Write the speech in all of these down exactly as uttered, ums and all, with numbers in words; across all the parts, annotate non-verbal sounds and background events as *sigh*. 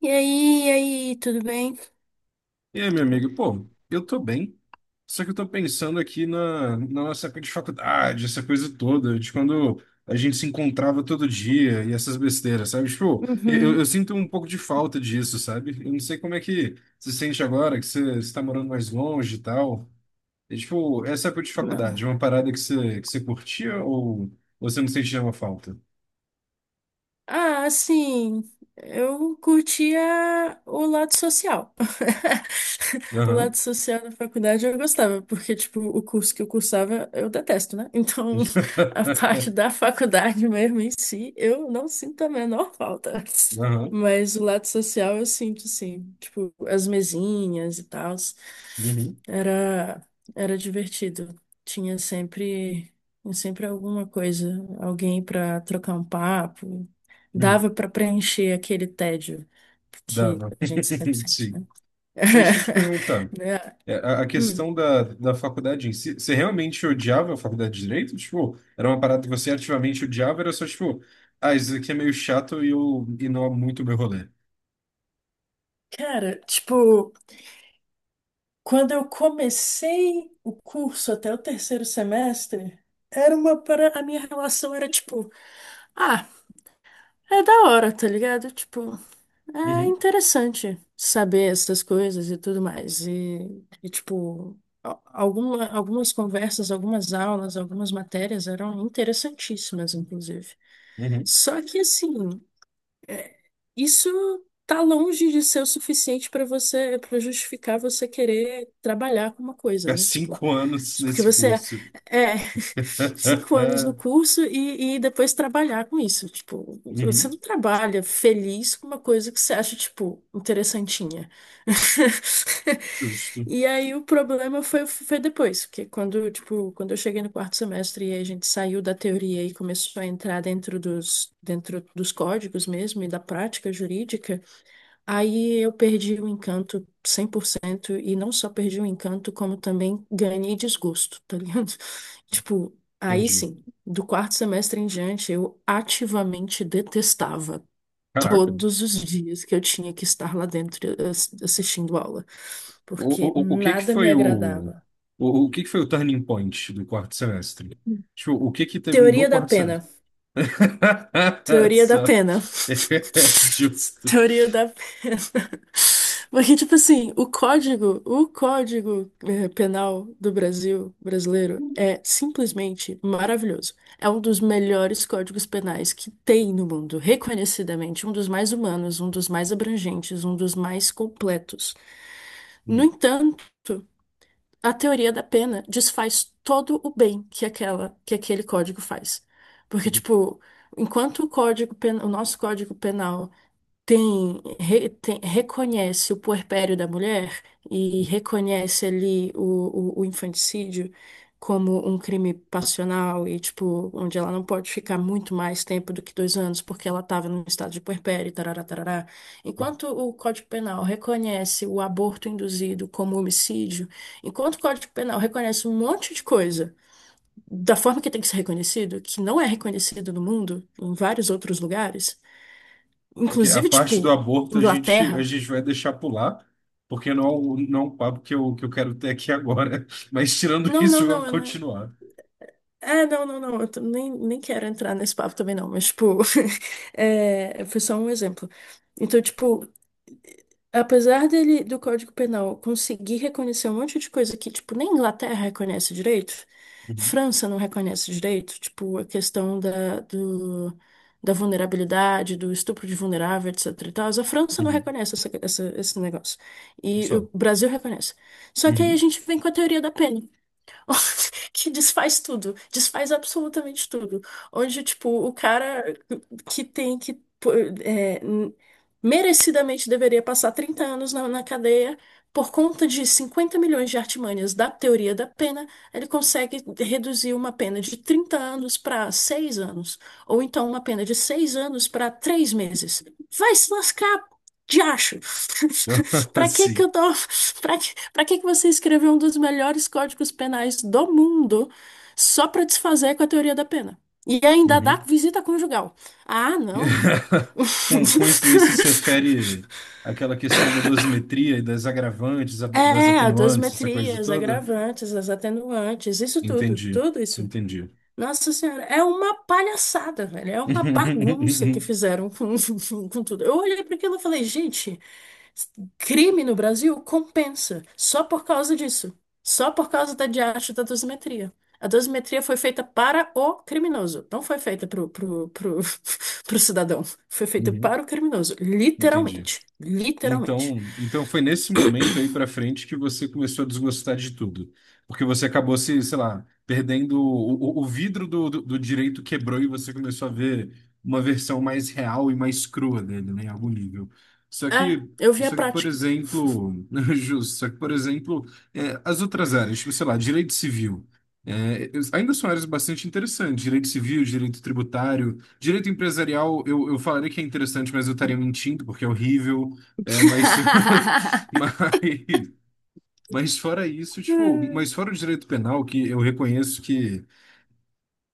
E aí, e aí, tudo bem? E aí, meu amigo? Pô, eu tô bem. Só que eu tô pensando aqui na, na nossa época de faculdade, essa coisa toda, de quando a gente se encontrava todo dia e essas besteiras, sabe? Tipo, eu, eu eu Uhum. sinto um pouco de falta disso, sabe? Eu não sei como é que você se sente agora, que você está morando mais longe e tal. E, tipo, essa época de Não. faculdade, é uma parada que você, que você curtia ou você não sente nenhuma falta? Ah, assim, eu curtia o lado social. *laughs* O lado Aham. social da faculdade eu gostava, porque, tipo, o curso que eu cursava eu detesto, né? Então, *laughs* a parte *laughs* da faculdade mesmo em si, eu não sinto a menor falta. Aham. Mas o lado social eu sinto, sim. Tipo, as mesinhas e tal. Uhum. Era, era divertido. Tinha sempre, sempre alguma coisa, alguém pra trocar um papo Uhum. dava para preencher aquele tédio que Dava. a gente sempre *laughs* sente, né? Sim. Mas deixa eu te perguntar. *laughs* Né? É, a, a Hum. questão da, da faculdade em si, você realmente odiava a faculdade de Direito? Tipo, era uma parada que você ativamente odiava, era só tipo, ah, isso aqui é meio chato e, eu, e não é muito o meu rolê. Cara, tipo, quando eu comecei o curso até o terceiro semestre, era uma para a minha relação era tipo, ah, é da hora, tá ligado? Tipo, é Uhum, interessante saber essas coisas e tudo mais. E, e, tipo, al- alguma, algumas conversas, algumas aulas, algumas matérias eram interessantíssimas, inclusive. uhum. Só que, assim, é, isso tá longe de ser o suficiente para você, para justificar você querer trabalhar com uma coisa, Há né? Tipo, cinco anos isso porque nesse você curso. é *laughs* cinco anos no *laughs* curso e, e depois trabalhar com isso. Tipo, você uhum. não trabalha feliz com uma coisa que você acha, tipo, interessantinha. *laughs* Justo, E aí o problema foi, foi depois, que quando, tipo, quando eu cheguei no quarto semestre e a gente saiu da teoria e começou a entrar dentro dos, dentro dos códigos mesmo e da prática jurídica, aí eu perdi o encanto cem por cento e não só perdi o encanto, como também ganhei desgosto, tá ligado? *laughs* Tipo, aí entendi. sim, do quarto semestre em diante, eu ativamente detestava Caraca. todos os dias que eu tinha que estar lá dentro eh, assistindo aula porque O, o, o o que que nada me foi o, agradava. o, o que que foi o turning point do quarto semestre? Tipo, o que que teve no Teoria da quarto pena. semestre? *laughs* Teoria da Só. pena. *laughs* *laughs* Justo. Teoria da pena. *laughs* Porque, tipo assim, o código, o código eh, penal do Brasil, brasileiro, é simplesmente maravilhoso. É um dos melhores códigos penais que tem no mundo, reconhecidamente, um dos mais humanos, um dos mais abrangentes, um dos mais completos. No entanto, a teoria da pena desfaz todo o bem que aquela, que aquele código faz. Porque, tipo, enquanto o código pen- o nosso código penal tem, re- tem- reconhece o puerpério da mulher e reconhece ali o, o, o infanticídio como um crime passional e, tipo, onde ela não pode ficar muito mais tempo do que dois anos porque ela estava no estado de puerpério, tarará, tarará. Enquanto o Código Penal reconhece o aborto induzido como homicídio, enquanto o Código Penal reconhece um monte de coisa da forma que tem que ser reconhecido, que não é reconhecido no mundo, em vários outros lugares, Porque a inclusive, parte do tipo, aborto a gente, a Inglaterra. gente vai deixar pular, porque não é um, não é um papo que eu, que eu quero ter aqui agora. *laughs* Mas tirando Não, isso, não, vamos não, eu não. continuar. É, não, não, não. Eu t- nem, nem quero entrar nesse papo também, não. Mas, tipo, *laughs* é, foi só um exemplo. Então, tipo, apesar dele, do Código Penal conseguir reconhecer um monte de coisa que, tipo, nem Inglaterra reconhece direito, Uhum, França não reconhece direito, tipo, a questão da, do, da vulnerabilidade, do estupro de vulnerável, etc e tal, a França não uhum. reconhece essa, essa- esse negócio. E Só. o Brasil reconhece. Só que aí a Uhum. gente vem com a teoria da pena. *laughs* Que desfaz tudo, desfaz absolutamente tudo. Onde, tipo, o cara que tem que pô, é, n- merecidamente deveria passar trinta anos na, na cadeia por conta de cinquenta milhões de artimanhas da teoria da pena, ele consegue reduzir uma pena de trinta anos para seis anos, ou então uma pena de seis anos para três meses. Vai se lascar, de acho. *laughs* *laughs* Pra que que Sim. eu tô... Pra que... pra que que você escreveu um dos melhores códigos penais do mundo só pra desfazer com a teoria da pena? E ainda dá Uhum. visita conjugal. Ah, não, cara. *laughs* Com, com isso daí, você se *laughs* refere àquela questão da dosimetria e das agravantes, a- das É, as atenuantes, essa coisa dosimetrias, toda? agravantes, as atenuantes, isso tudo, Entendi, tudo isso. entendi. Nossa Senhora, é uma palhaçada, velho. É uma bagunça que *laughs* fizeram com, *laughs* com tudo. Eu olhei para aquilo e falei, gente, crime no Brasil compensa só por causa disso. Só por causa da diacho da dosimetria. A dosimetria foi feita para o criminoso, não foi feita pro, pro, pro, *laughs* pro cidadão. Foi feita Uhum, para o criminoso, entendi. literalmente. Literalmente. Então, então foi nesse momento aí para frente que você começou a desgostar de tudo, porque você acabou se, sei lá, perdendo o, o, o vidro do, do, do direito quebrou e você começou a ver uma versão mais real e mais crua dele, né, em algum nível. Só Ah, que, eu vi a só que, por prática. exemplo, *laughs* justo, só que, por exemplo, é, as outras áreas, tipo, sei lá, direito civil, é, ainda são áreas bastante interessantes, direito civil, direito tributário, direito empresarial, eu, eu falaria que é interessante, mas eu estaria mentindo, porque é horrível. É, mas, *laughs* mas, mas fora isso, tipo, mas *laughs* fora o direito penal, que eu reconheço que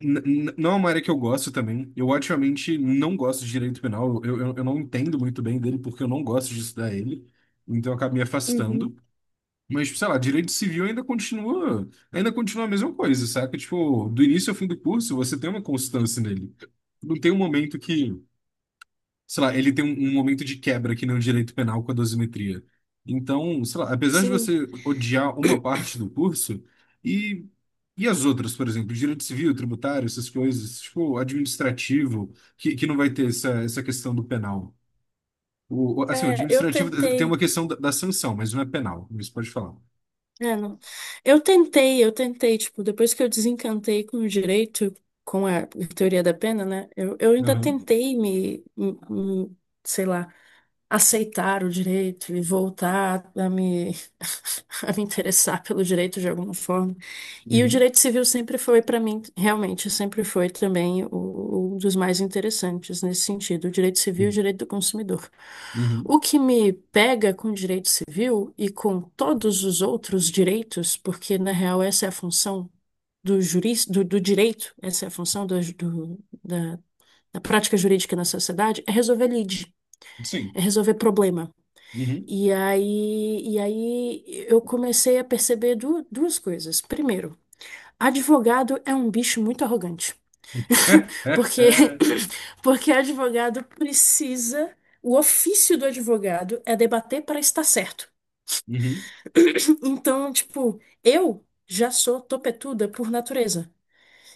n- n- não é uma área que eu gosto também. Eu ativamente não gosto de direito penal. Eu, eu, eu não entendo muito bem dele porque eu não gosto de estudar ele. Então eu acabo me Uhum. afastando. Mas, tipo, sei lá, direito civil ainda continua, ainda continua a mesma coisa, saca? Tipo, do início ao fim do curso, você tem uma constância nele. Não tem um momento que sei lá, ele tem um, um momento de quebra que nem o direito penal com a dosimetria. Então, sei lá, apesar de Sim. você odiar uma parte do curso, e, e as outras, por exemplo, direito civil, tributário, essas coisas, tipo, administrativo, que, que não vai ter essa, essa questão do penal. O, o- assim, o É, eu administrativo eh, tem uma tentei. questão da, da sanção, mas não é penal, isso pode falar. É, não. Eu tentei, eu tentei, tipo, depois que eu desencantei com o direito, com a teoria da pena, né? Eu, eu ainda Aham, tentei me, me- me, sei lá, aceitar o direito e voltar a me, *laughs* a me interessar pelo direito de alguma forma. E o uhum, direito civil sempre foi, para mim, realmente, sempre foi também o- um dos mais interessantes nesse sentido, o direito civil e o uhum, direito do consumidor. uhum, O que me pega com o direito civil e com todos os outros direitos, porque na real essa é a função do juris, do, do direito, essa é a função do- do- da, da prática jurídica na sociedade, é resolver lide, sim. é resolver problema. Uhum. E aí, e aí eu comecei a perceber du- duas coisas. Primeiro, advogado é um bicho muito arrogante. *laughs* Porque, *laughs* *coughs* *clears throat* porque advogado precisa. O ofício do advogado é debater para estar certo. Uhum. *coughs* Então, tipo, eu já sou topetuda por natureza.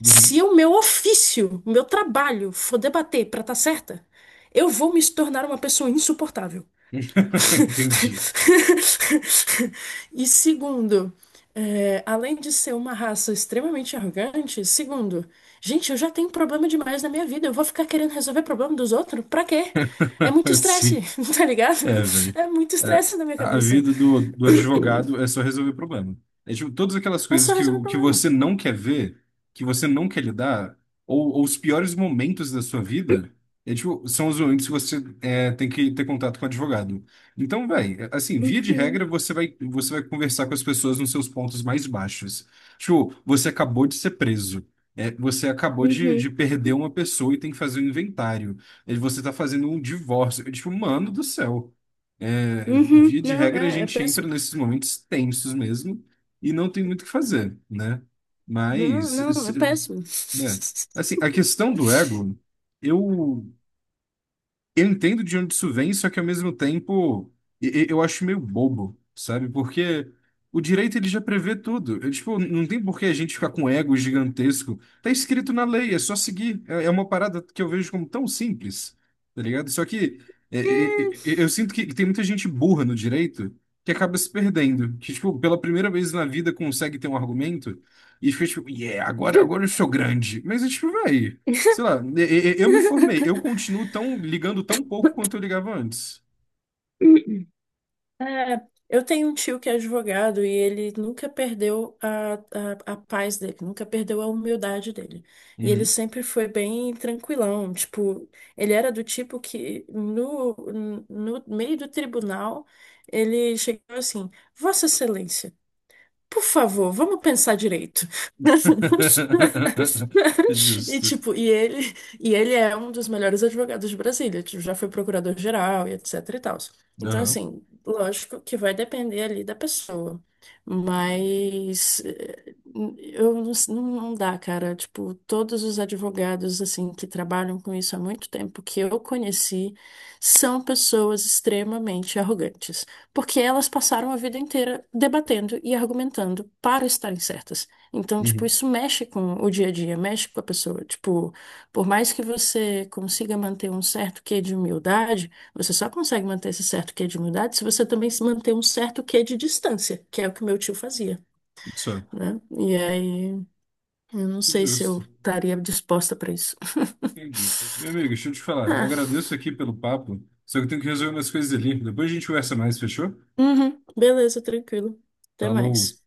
Uhum. Se o meu ofício, o meu trabalho for debater para estar certa, eu vou me tornar uma pessoa insuportável. *laughs* Entendi. *laughs* E segundo, é, além de ser uma raça extremamente arrogante, segundo, gente, eu já tenho problema demais na minha vida, eu vou ficar querendo resolver problema dos outros? Pra quê? É *laughs* muito estresse, Assim. *laughs* tá ligado? É, velho. É muito É, estresse na minha a a cabeça. vida do, do advogado é só resolver problema. É tipo, todas aquelas É coisas só que, resolver o- que problema. você não quer ver, que você não quer lidar, ou, ou os piores momentos da sua vida, é, tipo, são os momentos que você é, tem que ter contato com o advogado. Então, velho, é, assim, via de regra, Uhum, você vai, você vai conversar com as pessoas nos seus pontos mais baixos. Tipo, você acabou de ser preso. É, você acabou de, de uhum, perder uma pessoa e tem que fazer um inventário. É, você tá fazendo um divórcio. É, tipo, mano do céu. É, uhum. via de Não, regra, a é, é gente entra péssimo. nesses momentos tensos mesmo e não tem muito o que fazer, né? Não, Mas, não, se- é péssimo. né? Assim, a questão do *laughs* ego, eu eu entendo de onde isso vem, só que ao mesmo tempo e- e- eu acho meio bobo, sabe? Porque o direito ele já prevê tudo. Eu, tipo, não tem por que a gente ficar com ego gigantesco. Tá escrito na lei, é só seguir. É, é uma parada que eu vejo como tão simples, tá ligado? Só que é, é, é, É. é, eu sinto que tem muita gente burra no direito que acaba se perdendo, que tipo, pela primeira vez na vida consegue ter um argumento e fica tipo, yeah, agora, agora eu sou grande. Mas é tipo, vai. Sei lá, e- e- eu me formei, eu continuo tão ligando tão pouco quanto eu *laughs* ligava antes. É, eu tenho um tio que é advogado e ele nunca perdeu a, a, a paz dele, nunca perdeu a humildade dele. E ele Uhum. sempre foi bem tranquilão, tipo, ele era do tipo que no, no meio do tribunal ele chegou assim, Vossa Excelência, por favor, vamos pensar direito. *laughs* *laughs* E Justo. tipo, e ele, e ele é um dos melhores advogados de Brasília, tipo, já foi procurador-geral e etc e tal. Então, Aham. assim, lógico que vai depender ali da pessoa, mas eh, eu não, não dá, cara. Tipo, todos os advogados assim que trabalham com isso há muito tempo que eu conheci são pessoas extremamente arrogantes. Porque elas passaram a vida inteira debatendo e argumentando para estarem certas. Então, tipo, Uhum. isso mexe com o dia a dia, mexe com a pessoa. Tipo, por mais que você consiga manter um certo quê de humildade, você só consegue manter esse certo quê de humildade se você também se manter um certo quê de distância, que é o que meu tio fazia, Só. né? E aí, eu não sei se eu Justo. estaria disposta para isso. *laughs* Entendi. Meu amigo, deixa eu te falar. Eu Ah, agradeço aqui pelo papo, só que eu tenho que resolver umas coisas ali. Depois a gente conversa mais, fechou? uhum, beleza, tranquilo. Até Falou. mais.